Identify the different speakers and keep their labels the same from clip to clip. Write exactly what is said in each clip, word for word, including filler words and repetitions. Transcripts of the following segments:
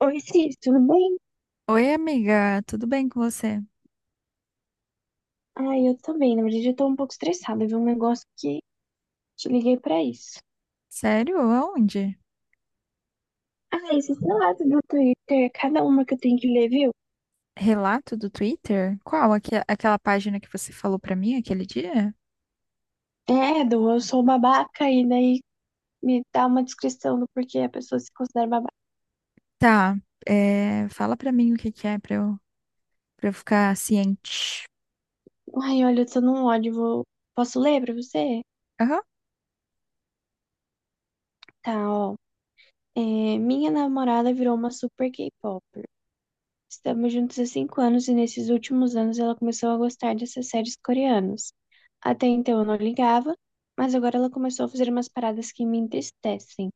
Speaker 1: Oi, Cis, tudo bem?
Speaker 2: Oi, amiga, tudo bem com você?
Speaker 1: Ai, eu também. Na verdade, eu tô um pouco estressada. Viu um negócio que te liguei pra isso.
Speaker 2: Sério? Aonde?
Speaker 1: Ah, esses relatos do Twitter, cada uma que eu tenho que ler, viu?
Speaker 2: Relato do Twitter? Qual? Aque- aquela página que você falou pra mim aquele dia?
Speaker 1: É, do eu sou babaca, e daí me dá uma descrição do porquê a pessoa se considera babaca.
Speaker 2: Tá, é, fala pra mim o que que é pra eu, pra eu ficar ciente.
Speaker 1: Ai, olha, eu tô num ódio. Vou... Posso ler pra você?
Speaker 2: Aham.
Speaker 1: Tá, ó. É, minha namorada virou uma super K-popper. Estamos juntos há cinco anos e nesses últimos anos ela começou a gostar dessas séries coreanas. Até então eu não ligava, mas agora ela começou a fazer umas paradas que me entristecem.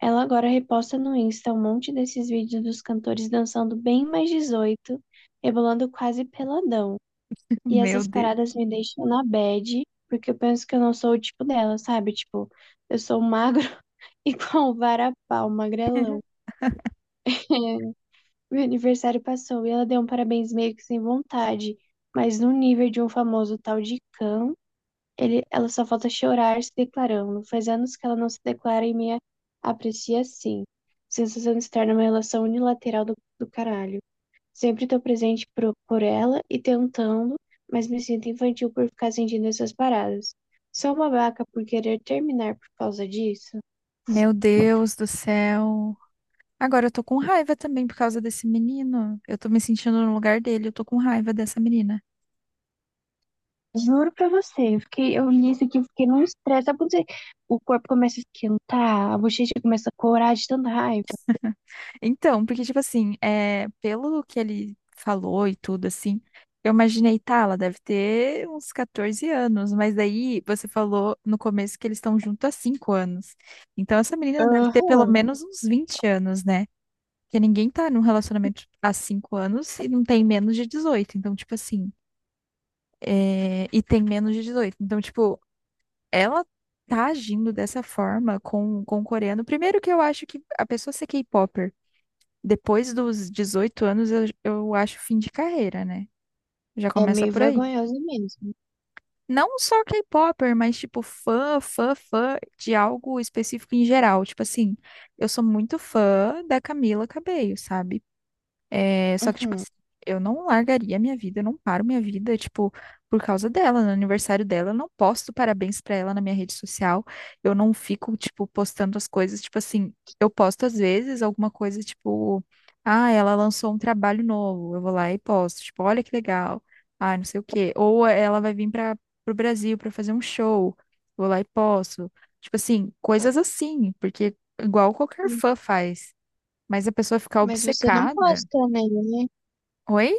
Speaker 1: Ela agora reposta no Insta um monte desses vídeos dos cantores dançando bem mais dezoito, rebolando quase peladão. E
Speaker 2: Meu
Speaker 1: essas
Speaker 2: Deus.
Speaker 1: paradas me deixam na bad, porque eu penso que eu não sou o tipo dela, sabe? Tipo, eu sou magro igual um varapau, magrelão. Meu aniversário passou e ela deu um parabéns meio que sem vontade, mas no nível de um famoso tal de Cam, ele, ela só falta chorar se declarando. Faz anos que ela não se declara e me aprecia assim. Sensação de estar numa relação unilateral do, do caralho. Sempre tô presente pro, por ela e tentando, mas me sinto infantil por ficar sentindo essas paradas. Sou uma vaca por querer terminar por causa disso.
Speaker 2: Meu Deus do céu. Agora eu tô com raiva também por causa desse menino. Eu tô me sentindo no lugar dele, eu tô com raiva dessa menina.
Speaker 1: Juro pra você, eu fiquei, eu li isso aqui, eu fiquei num estresse. Sabe quando você- o corpo começa a esquentar, a bochecha começa a corar de tanta raiva?
Speaker 2: Então, porque, tipo assim, é, pelo que ele falou e tudo, assim, eu imaginei, tá, ela deve ter uns quatorze anos, mas daí você falou no começo que eles estão juntos há cinco anos. Então, essa menina deve ter pelo
Speaker 1: Aham.
Speaker 2: menos uns vinte anos, né? Porque ninguém tá num relacionamento há cinco anos e não tem menos de dezoito. Então, tipo assim, é, e tem menos de dezoito. Então, tipo, ela tá agindo dessa forma com, com o coreano. Primeiro que eu acho que a pessoa ser K pop depois dos dezoito anos, eu, eu acho fim de carreira, né? Já
Speaker 1: É
Speaker 2: começa
Speaker 1: meio
Speaker 2: por aí.
Speaker 1: vergonhoso mesmo.
Speaker 2: Não só K-popper, mas tipo fã, fã, fã de algo específico em geral. Tipo assim, eu sou muito fã da Camila Cabello, sabe? É, só que, tipo
Speaker 1: Uhum.
Speaker 2: assim, eu não largaria minha vida, eu não paro minha vida, tipo, por causa dela, no aniversário dela, eu não posto parabéns pra ela na minha rede social, eu não fico, tipo, postando as coisas, tipo assim, eu posto às vezes alguma coisa, tipo, ah, ela lançou um trabalho novo, eu vou lá e posto, tipo, olha que legal, ah, não sei o quê, ou ela vai vir para pro Brasil pra fazer um show, vou lá e posto, tipo assim, coisas assim, porque igual qualquer fã faz, mas a pessoa ficar
Speaker 1: Mas você não
Speaker 2: obcecada.
Speaker 1: posta nele, né?
Speaker 2: Oi?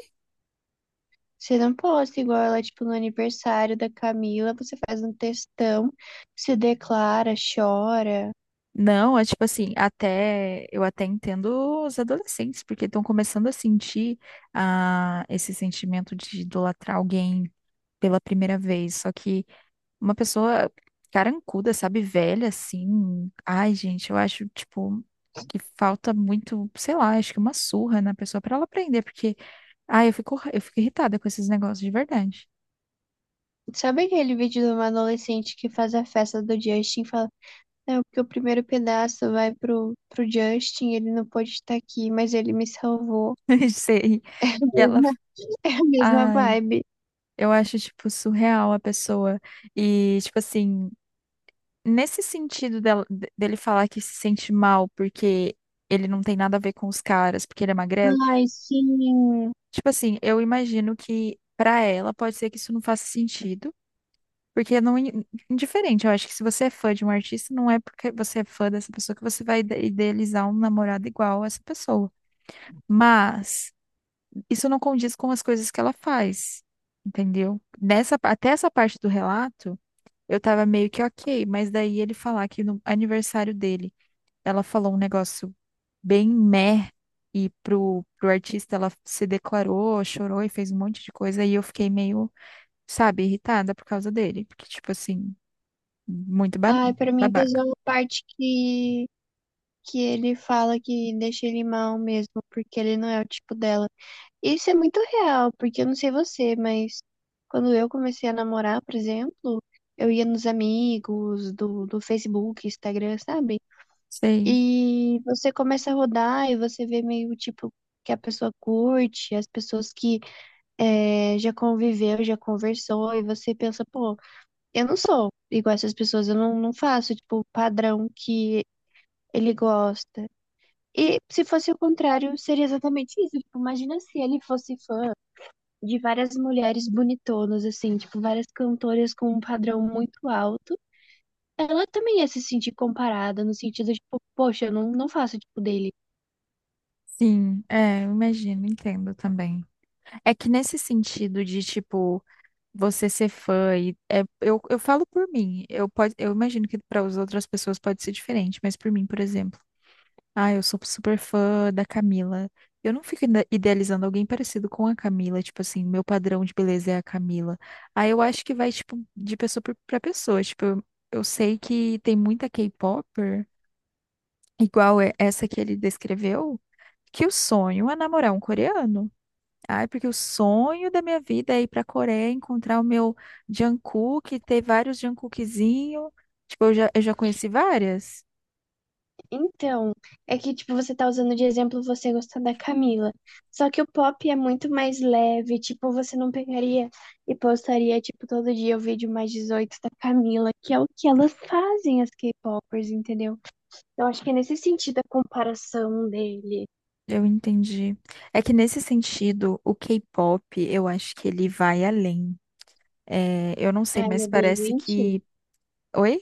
Speaker 1: Você não posta igual ela, tipo, no aniversário da Camila, você faz um textão, se declara, chora.
Speaker 2: Não, é tipo assim, até eu até entendo os adolescentes, porque estão começando a sentir ah, esse sentimento de idolatrar alguém pela primeira vez. Só que uma pessoa carancuda, sabe, velha assim. Ai, gente, eu acho, tipo, que falta muito, sei lá, acho que uma surra na pessoa pra ela aprender, porque, ai, eu fico, eu fico irritada com esses negócios de verdade.
Speaker 1: Sabe aquele vídeo de uma adolescente que faz a festa do Justin e fala, não, porque o primeiro pedaço vai pro, pro Justin, ele não pôde estar aqui, mas ele me salvou.
Speaker 2: Sei. E ela,
Speaker 1: É a mesma, é a mesma
Speaker 2: ai,
Speaker 1: vibe.
Speaker 2: eu acho, tipo, surreal a pessoa. E, tipo assim. Nesse sentido dela- de- dele falar que se sente mal porque ele não tem nada a ver com os caras, porque ele é magrelo,
Speaker 1: Ai, sim.
Speaker 2: tipo assim, eu imagino que pra ela pode ser que isso não faça sentido, porque não in- indiferente, eu acho que se você é fã de um artista, não é porque você é fã dessa pessoa que você vai ide- idealizar um namorado igual a essa pessoa. Mas isso não condiz com as coisas que ela faz, entendeu? Nessa, pa- até essa parte do relato, eu tava meio que ok, mas daí ele falar que no aniversário dele ela falou um negócio bem meh, e pro, pro artista ela se declarou, chorou e fez um monte de coisa, e eu fiquei meio, sabe, irritada por causa dele, porque, tipo assim, muito ba-
Speaker 1: Ai, pra mim
Speaker 2: babaca.
Speaker 1: pesou a parte que, que ele fala que deixa ele mal mesmo, porque ele não é o tipo dela. Isso é muito real, porque eu não sei você, mas quando eu comecei a namorar, por exemplo, eu ia nos amigos do, do Facebook, Instagram, sabe?
Speaker 2: Sei.
Speaker 1: E você começa a rodar e você vê meio tipo que a pessoa curte, as pessoas que eh, já conviveu, já conversou, e você pensa, pô, eu não sou igual essas pessoas, eu não, não faço, tipo, o padrão que ele gosta. E se fosse o contrário, seria exatamente isso. Tipo, imagina se ele fosse fã de várias mulheres bonitonas, assim, tipo, várias cantoras com um padrão muito alto, ela também ia se sentir comparada, no sentido, tipo, poxa, eu não, não faço tipo dele.
Speaker 2: Sim, é, eu imagino, entendo também. É que nesse sentido de, tipo, você ser fã, e é, eu, eu falo por mim, eu, pode, eu imagino que para as outras pessoas pode ser diferente, mas por mim, por exemplo. Ah, eu sou super fã da Camila. Eu não fico ide- idealizando alguém parecido com a Camila, tipo assim, meu padrão de beleza é a Camila. Aí eu acho que vai, tipo, de pessoa por- pra pessoa. Tipo, eu, eu sei que tem muita K-popper, igual é essa que ele descreveu, que o sonho é namorar um coreano. Ai, porque o sonho da minha vida é ir pra Coreia, encontrar o meu Jungkook, ter vários Jungkookzinho. Tipo, eu já, eu já conheci várias.
Speaker 1: Então, é que, tipo, você tá usando de exemplo você gostar da Camila. Só que o pop é muito mais leve, tipo, você não pegaria e postaria, tipo, todo dia o vídeo mais dezoito da Camila, que é o que elas fazem, as K-popers, entendeu? Eu acho que é nesse sentido a comparação dele.
Speaker 2: Eu entendi. É que nesse sentido, o K-pop, eu acho que ele vai além. É, eu não sei,
Speaker 1: Ah, ele
Speaker 2: mas
Speaker 1: é bem
Speaker 2: parece
Speaker 1: doentio.
Speaker 2: que. Oi?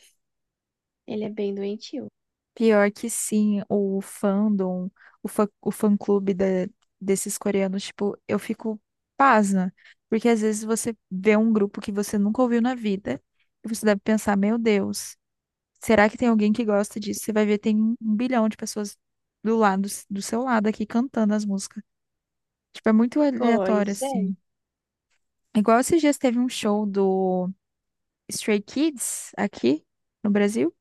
Speaker 1: Ele é bem doentio.
Speaker 2: Pior que sim, o fandom, o fã, o fã-clube da- desses coreanos, tipo, eu fico pasma. Porque às vezes você vê um grupo que você nunca ouviu na vida e você deve pensar, meu Deus, será que tem alguém que gosta disso? Você vai ver, tem um um bilhão de pessoas do lado, do seu lado aqui cantando as músicas. Tipo, é muito aleatório,
Speaker 1: Pois é.
Speaker 2: assim. Igual esses dias teve um show do Stray Kids aqui no Brasil.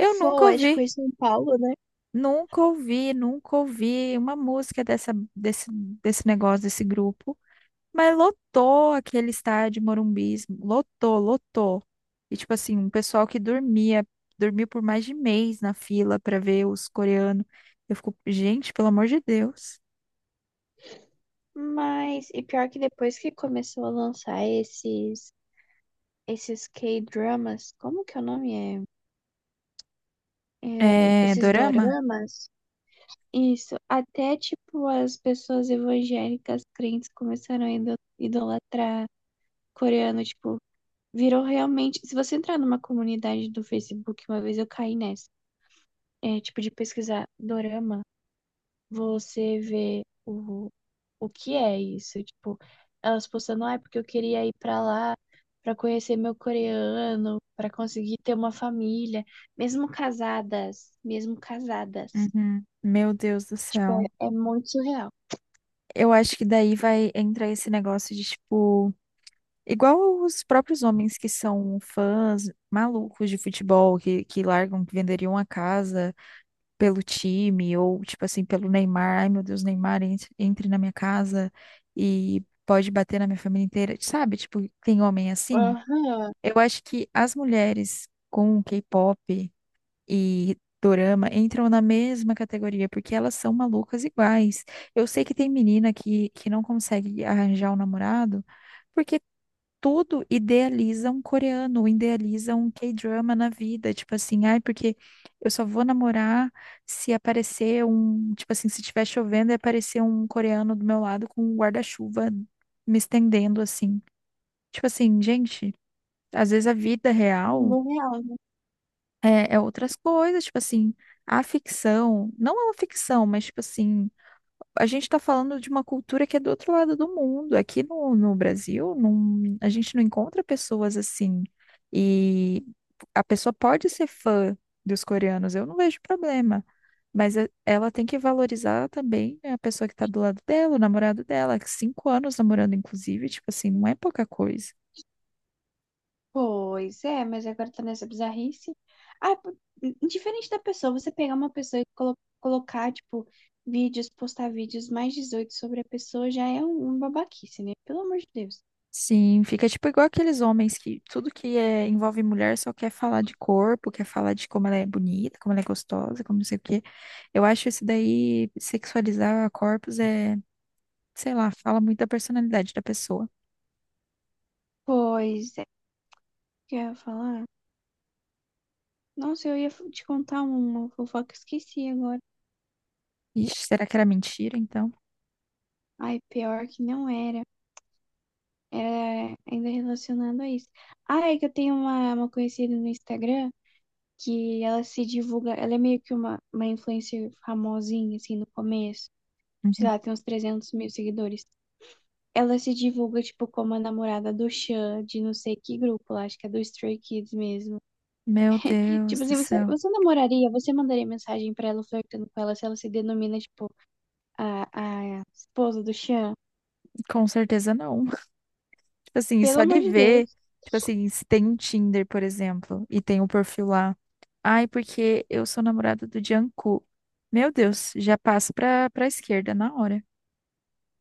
Speaker 2: Eu nunca
Speaker 1: Foi, acho que
Speaker 2: ouvi,
Speaker 1: foi em São Paulo, né?
Speaker 2: nunca ouvi, nunca ouvi uma música dessa, desse, desse negócio, desse grupo. Mas lotou aquele estádio Morumbi, lotou, lotou. E tipo assim, um pessoal que dormia, dormiu por mais de mês na fila pra ver os coreanos. Eu fico, gente, pelo amor de Deus.
Speaker 1: Mas, e pior que depois que começou a lançar esses, esses K-dramas, como que é o nome é? É,
Speaker 2: É,
Speaker 1: esses
Speaker 2: Dorama?
Speaker 1: doramas? Isso, até tipo as pessoas evangélicas crentes começaram a ido- idolatrar coreano, tipo, virou realmente. Se você entrar numa comunidade do Facebook, uma vez eu caí nessa, é, tipo, de pesquisar dorama. Você vê o, o que é isso. Tipo, elas postando, ah, porque eu queria ir pra lá pra conhecer meu coreano, pra conseguir ter uma família, mesmo casadas, mesmo casadas.
Speaker 2: Uhum. Meu Deus do
Speaker 1: Tipo, é,
Speaker 2: céu.
Speaker 1: é muito surreal.
Speaker 2: Eu acho que daí vai entrar esse negócio de, tipo, igual os próprios homens que são fãs malucos de futebol, que, que largam, que venderiam a casa pelo time, ou, tipo assim, pelo Neymar. Ai, meu Deus, Neymar, entre, entre na minha casa e pode bater na minha família inteira. Sabe? Tipo, tem homem assim?
Speaker 1: Aham,
Speaker 2: Eu acho que as mulheres com o K-pop e dorama entram na mesma categoria, porque elas são malucas iguais. Eu sei que tem menina que, que não consegue arranjar um namorado, porque tudo idealiza um coreano, idealiza um K-drama na vida. Tipo assim, ai, porque eu só vou namorar se aparecer um. Tipo assim, se estiver chovendo e aparecer um coreano do meu lado com um guarda-chuva me estendendo assim. Tipo assim, gente. Às vezes a vida real
Speaker 1: mundo real, né?
Speaker 2: é, é outras coisas, tipo assim, a ficção, não é uma ficção, mas tipo assim, a gente tá falando de uma cultura que é do outro lado do mundo. Aqui no, no Brasil, não, a gente não encontra pessoas assim. E a pessoa pode ser fã dos coreanos, eu não vejo problema. Mas é- ela tem que valorizar também a pessoa que tá do lado dela, o namorado dela, que cinco anos namorando, inclusive, tipo assim, não é pouca coisa.
Speaker 1: Pois é, mas agora tá nessa bizarrice. Ah, p- indiferente da pessoa, você pegar uma pessoa e colo- colocar, tipo, vídeos, postar vídeos mais dezoito sobre a pessoa já é um, um babaquice, né? Pelo amor de Deus.
Speaker 2: Sim, fica tipo igual aqueles homens que tudo que é, envolve mulher só quer falar de corpo, quer falar de como ela é bonita, como ela é gostosa, como não sei o quê. Eu acho isso daí, sexualizar corpos é, sei lá, fala muito da personalidade da pessoa.
Speaker 1: Pois é, que eu ia falar. Nossa, eu ia f- te contar uma fofoca, esqueci agora.
Speaker 2: Ixi, será que era mentira, então?
Speaker 1: Ai, pior que não era. Era ainda relacionado a isso. Ah, é que eu tenho uma, uma conhecida no Instagram que ela se divulga. Ela é meio que uma, uma influencer famosinha, assim, no começo. Sei
Speaker 2: Uhum.
Speaker 1: lá, tem uns trezentos mil seguidores. Ela se divulga, tipo, como a namorada do Xan, de não sei que grupo lá, acho que é do Stray Kids mesmo.
Speaker 2: Meu Deus
Speaker 1: Tipo
Speaker 2: do
Speaker 1: assim, você,
Speaker 2: céu.
Speaker 1: você namoraria, você mandaria mensagem pra ela flertando com ela se ela se denomina, tipo. a, a esposa do Sean.
Speaker 2: Com certeza não. Tipo assim,
Speaker 1: Pelo
Speaker 2: só de
Speaker 1: amor de
Speaker 2: ver,
Speaker 1: Deus,
Speaker 2: tipo assim, se tem um Tinder, por exemplo, e tem um perfil lá. Ai, porque eu sou namorada do Jungkook. Meu Deus, já passo pra, pra esquerda na hora.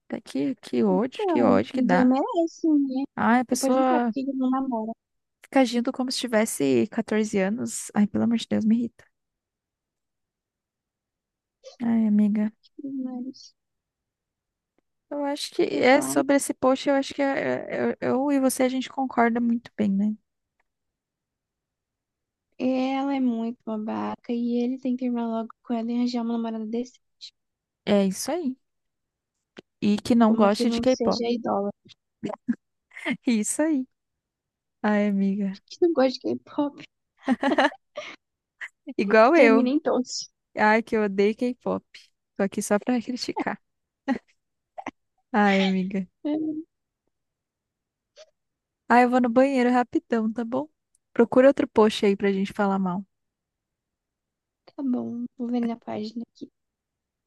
Speaker 2: Tá, Que, que ódio, que
Speaker 1: então,
Speaker 2: ódio que
Speaker 1: ninguém
Speaker 2: dá.
Speaker 1: merece, né?
Speaker 2: Ai, a
Speaker 1: Depois não sabe
Speaker 2: pessoa
Speaker 1: por que ele não namora.
Speaker 2: fica agindo como se tivesse quatorze anos. Ai, pelo amor de Deus, me irrita. Ai, amiga.
Speaker 1: Mas
Speaker 2: Eu acho que
Speaker 1: eu ia
Speaker 2: é
Speaker 1: falar,
Speaker 2: sobre esse post, eu acho que é- é- eu, eu e você a gente concorda muito bem, né?
Speaker 1: ela é muito babaca e ele tem que terminar logo com ela e arranjar uma namorada desse.
Speaker 2: É isso aí. E que não
Speaker 1: Uma que
Speaker 2: goste de
Speaker 1: não
Speaker 2: K-pop.
Speaker 1: seja idólatra,
Speaker 2: Isso aí. Ai, amiga.
Speaker 1: que não gosta de K-pop,
Speaker 2: Igual
Speaker 1: termina
Speaker 2: eu.
Speaker 1: em todos.
Speaker 2: Ai, que eu odeio K-pop. Tô aqui só pra criticar. Ai, amiga.
Speaker 1: É,
Speaker 2: Ai, eu vou no banheiro rapidão, tá bom? Procura outro post aí pra gente falar mal.
Speaker 1: tá bom, vou ver na página aqui.